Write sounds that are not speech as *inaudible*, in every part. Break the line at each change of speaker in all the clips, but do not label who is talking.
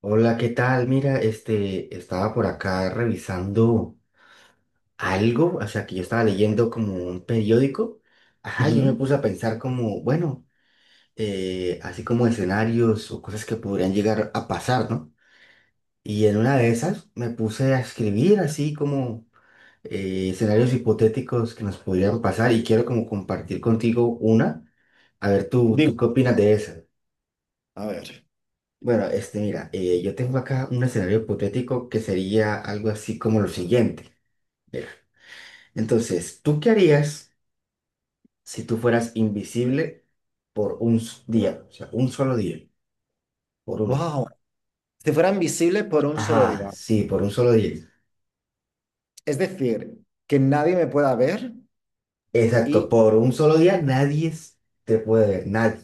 Hola, ¿qué tal? Mira, este, estaba por acá revisando algo, o sea, que yo estaba leyendo como un periódico. Ajá, yo me
Ujú.
puse a pensar como, bueno, así como escenarios o cosas que podrían llegar a pasar, ¿no? Y en una de esas me puse a escribir así como escenarios hipotéticos que nos podrían pasar y quiero como compartir contigo una. A ver, ¿tú
Digo,
qué opinas de esa?
a ver,
Bueno, este, mira, yo tengo acá un escenario hipotético que sería algo así como lo siguiente. Mira, entonces, ¿tú qué harías si tú fueras invisible por un día? O sea, un solo día. Por un.
wow, si fuera invisible por un solo
Ajá,
día,
sí, por un solo día.
es decir, que nadie me pueda ver
Exacto,
y,
por un solo día nadie te puede ver, nadie.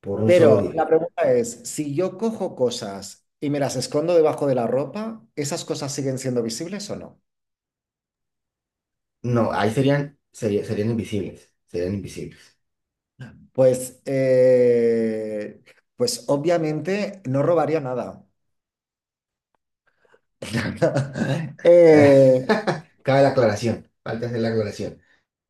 Por un solo
pero
día.
la pregunta es, si yo cojo cosas y me las escondo debajo de la ropa, ¿esas cosas siguen siendo visibles o no?
No, ahí serían invisibles, serían invisibles.
Pues, eh, pues, obviamente no robaría nada. *laughs* Eh,
*laughs* Cabe la aclaración, falta hacer la aclaración.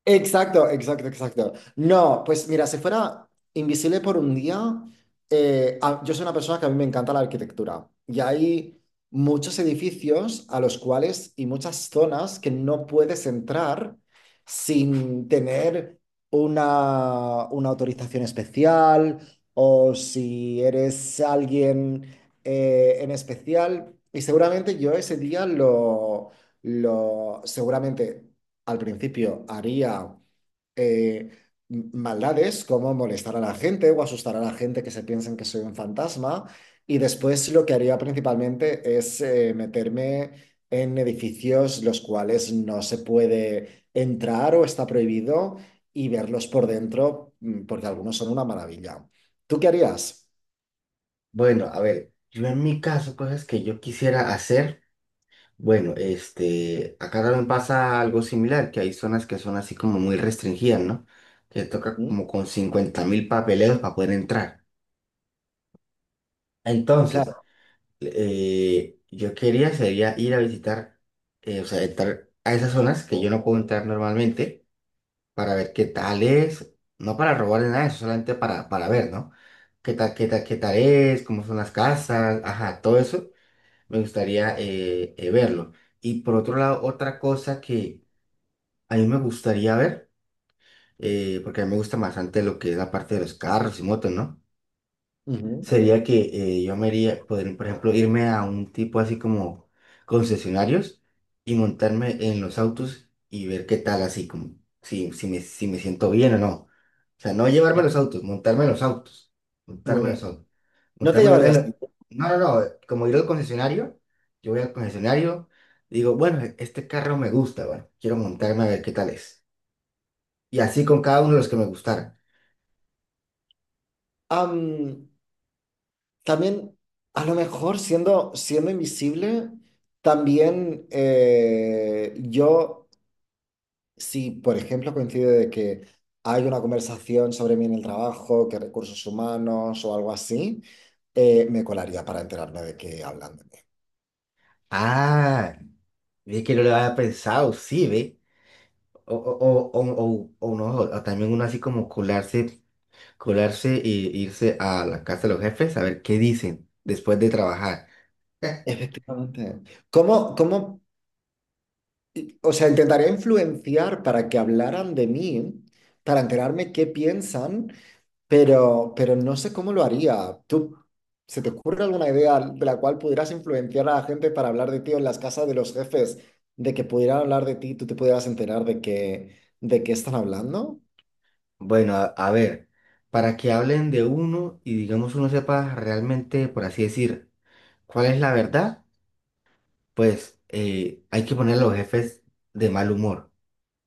Exacto, exacto, exacto. No, pues mira, si fuera invisible por un día, yo soy una persona que a mí me encanta la arquitectura y hay muchos edificios a los cuales y muchas zonas que no puedes entrar sin tener una autorización especial o si eres alguien en especial. Y seguramente yo ese día lo seguramente al principio haría eh, maldades como molestar a la gente o asustar a la gente que se piensen que soy un fantasma. Y después lo que haría principalmente es meterme en edificios los cuales no se puede entrar o está prohibido y verlos por dentro, porque algunos son una maravilla. ¿Tú qué harías?
Bueno, a ver, yo en mi caso, cosas que yo quisiera hacer, bueno, este, acá también pasa algo similar, que hay zonas que son así como muy restringidas, ¿no? Que toca
Ujú.
como con 50.000 papeleos para poder entrar. Entonces,
Claro.
yo quería sería ir a visitar, o sea, entrar a esas zonas que yo no puedo entrar normalmente para ver qué tal es, no para robarle nada, de eso solamente para ver, ¿no? ¿Qué tal, qué tal, qué tal es? ¿Cómo son las casas? Ajá, todo eso me gustaría verlo. Y por otro lado, otra cosa que a mí me gustaría ver, porque a mí me gusta bastante lo que es la parte de los carros y motos, ¿no?
ujú,
Sería que yo me haría, poder, por ejemplo, irme a un tipo así como concesionarios y montarme en los autos y ver qué tal, así como si me, si me siento bien o no. O sea, no llevarme
claro.
los autos, montarme en los autos,
Muy
montarme en los
bien.
autos,
No te
montarme en
llevarías
los-
ningún-.
No, no, no, como ir al concesionario, yo voy al concesionario, digo, bueno, este carro me gusta, bueno, quiero montarme a ver qué tal es. Y así con cada uno de los que me gustaran.
Am, También, a lo mejor siendo, invisible, también si por ejemplo coincide de que hay una conversación sobre mí en el trabajo, que recursos humanos o algo así, me colaría para enterarme de que hablan de mí.
Ah, es que no lo había pensado, sí, ve. O no, o también uno así como colarse, colarse y irse a la casa de los jefes a ver qué dicen después de trabajar.
Efectivamente. ¿Cómo, cómo, o sea, intentaría influenciar para que hablaran de mí, para enterarme qué piensan. Pero no sé cómo lo haría. ¿Tú se te ocurre alguna idea de la cual pudieras influenciar a la gente para hablar de ti en las casas de los jefes, de que pudieran hablar de ti, y tú te pudieras enterar de qué están hablando?
Bueno, a ver, para que hablen de uno y digamos uno sepa realmente, por así decir, cuál es la verdad, pues hay que poner a los jefes de mal humor,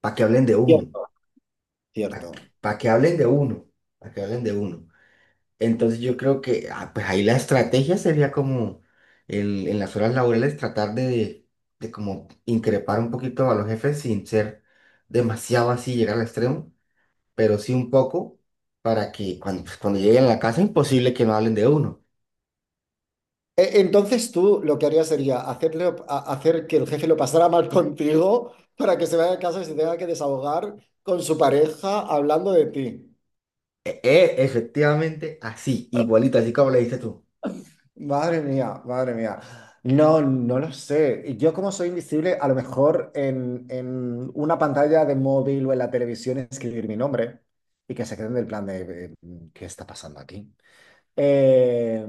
para que hablen de uno,
Cierto. Cierto.
para que hablen de uno, para que hablen de uno. Entonces yo creo que pues ahí la estrategia sería como en las horas laborales tratar de como increpar un poquito a los jefes sin ser demasiado así, llegar al extremo, pero sí un poco para que cuando, pues, cuando lleguen a la casa imposible que no hablen de uno.
Entonces tú lo que harías sería hacer que el jefe lo pasara mal contigo para que se vaya a casa y se tenga que desahogar con su pareja hablando de ti.
Efectivamente, así, igualito, así como le dices tú.
Madre mía, madre mía. No, no lo sé. Yo como soy invisible, a lo mejor en una pantalla de móvil o en la televisión escribir mi nombre y que se queden del plan de ¿qué está pasando aquí? Eh,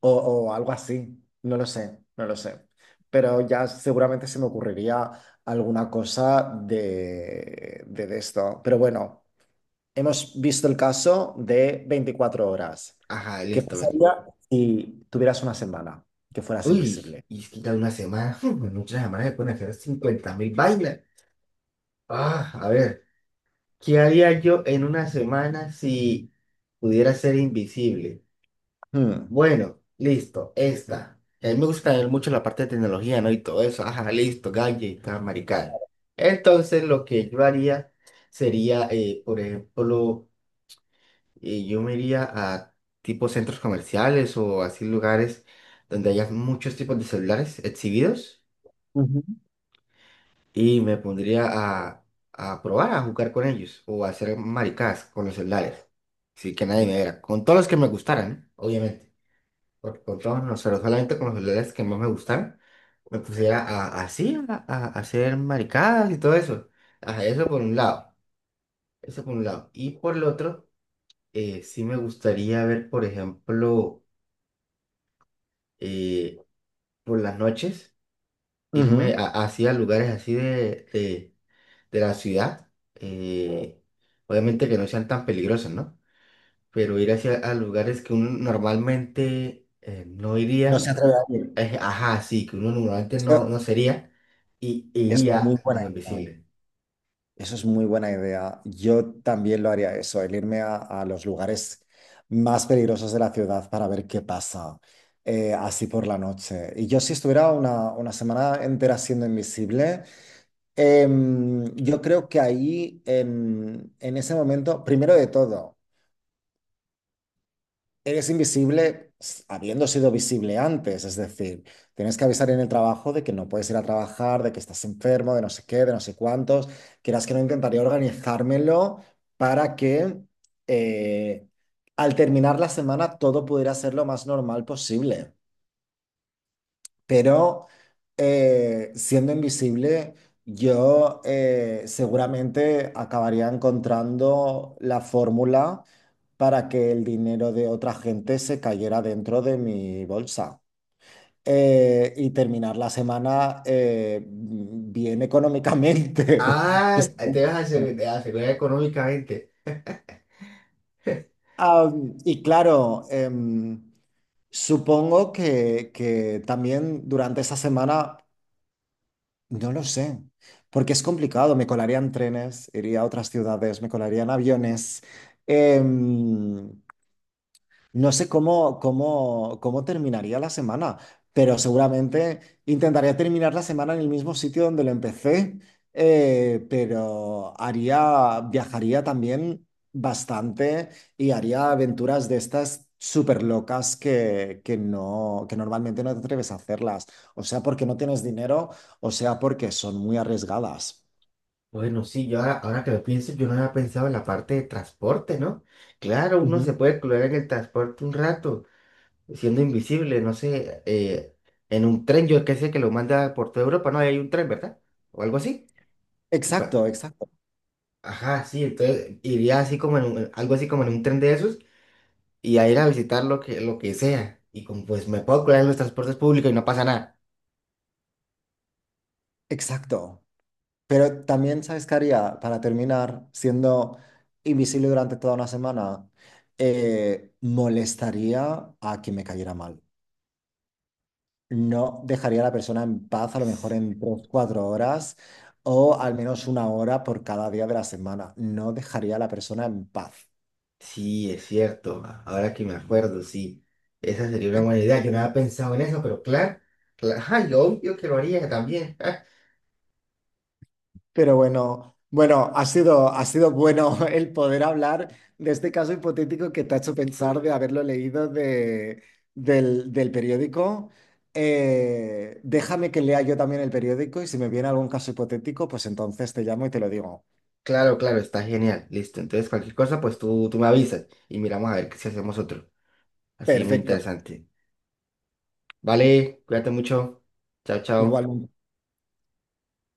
o, o algo así. No lo sé, no lo sé. Pero ya seguramente se me ocurriría alguna cosa de esto. Pero bueno. Hemos visto el caso de 24 horas.
Ajá,
¿Qué
listo, ven.
pasaría si tuvieras una semana que fueras
Uy,
invisible?
y es que ya una semana, *laughs* en una semana se pueden hacer 50 mil vainas. Ah, a ver. ¿Qué haría yo en una semana si pudiera ser invisible?
Hmm.
Bueno, listo, esta. A mí me gusta también mucho la parte de tecnología, ¿no? Y todo eso. Ajá, listo, gadgets, maricada. Entonces, lo que yo haría sería, por ejemplo, yo me iría a tipo centros comerciales o así lugares donde haya muchos tipos de celulares exhibidos.
Ujú.
Y me pondría a probar a jugar con ellos o a hacer maricadas con los celulares, sí que nadie me viera, con todos los que me gustaran, ¿eh? Obviamente, porque con todos no, pero solamente con los celulares que más me gustaran, me pusiera a, así, a hacer maricadas y todo eso, ajá, eso por un lado, eso por un lado, y por el otro, sí me gustaría ver, por ejemplo, eh, por las noches, irme
Ujú.
así a lugares así de la ciudad. eh, obviamente que no sean tan peligrosos, ¿no? Pero ir hacia a lugares que uno normalmente no
No se
iría,
atreve a ir.
ajá, sí, que uno normalmente
Eso
no sería, y
es
iría
muy buena
como
idea.
invisible.
Eso es muy buena idea. Yo también lo haría eso, el irme a los lugares más peligrosos de la ciudad para ver qué pasa, así por la noche. Y yo si estuviera una semana entera siendo invisible, yo creo que ahí, en ese momento, primero de todo, eres invisible habiendo sido visible antes, es decir, tienes que avisar en el trabajo de que no puedes ir a trabajar, de que estás enfermo, de no sé qué, de no sé cuántos. Quieras que no, intentaría organizármelo para que eh, al terminar la semana todo pudiera ser lo más normal posible. Pero siendo invisible, yo seguramente acabaría encontrando la fórmula para que el dinero de otra gente se cayera dentro de mi bolsa. Y terminar la semana bien económicamente. *laughs* que
Ah,
sea-.
te vas a te asegurar económicamente.
Ah, y claro, supongo que también durante esa semana no lo sé, porque es complicado. Me colarían trenes, iría a otras ciudades, me colarían aviones. Em, no sé cómo terminaría la semana, pero seguramente intentaría terminar la semana en el mismo sitio donde lo empecé, pero viajaría también bastante y haría aventuras de estas súper locas que no, que normalmente no te atreves a hacerlas, o sea porque no tienes dinero, o sea porque son muy arriesgadas.
Bueno, sí, yo ahora, ahora que lo pienso, yo no había pensado en la parte de transporte, ¿no? Claro, uno
Ujú.
se puede colar en el transporte un rato, siendo invisible, no sé, en un tren, yo qué sé que lo manda por toda Europa, no, ahí hay un tren, ¿verdad? O algo así. que pa-
Exacto, exacto,
Ajá, sí, entonces iría así como en algo así como en un tren de esos y a ir a visitar lo que sea. Y como pues me puedo curar en los transportes públicos y no pasa nada.
exacto. Pero también, ¿sabes qué haría? Para terminar, siendo invisible durante toda una semana, molestaría a quien me cayera mal. No dejaría a la persona en paz a lo mejor en 3, 4 horas o al menos una hora por cada día de la semana. No dejaría a la persona en paz.
Sí, es cierto, ahora que me acuerdo, sí, esa sería una buena idea, yo no había pensado en eso, pero claro, claro, ajá, yo obvio que lo haría también. *laughs*
Pero bueno, bueno, ha sido bueno *laughs* el poder hablar de este caso hipotético que te ha hecho pensar de haberlo leído del periódico. Déjame que lea yo también el periódico y si me viene algún caso hipotético, pues entonces te llamo y te lo digo.
Claro, claro, está genial. Listo. Entonces, cualquier cosa, pues tú me avisas y miramos a ver si hacemos otro. Así, muy
Perfecto.
interesante. Vale, cuídate mucho. Chao, chao.
Igual.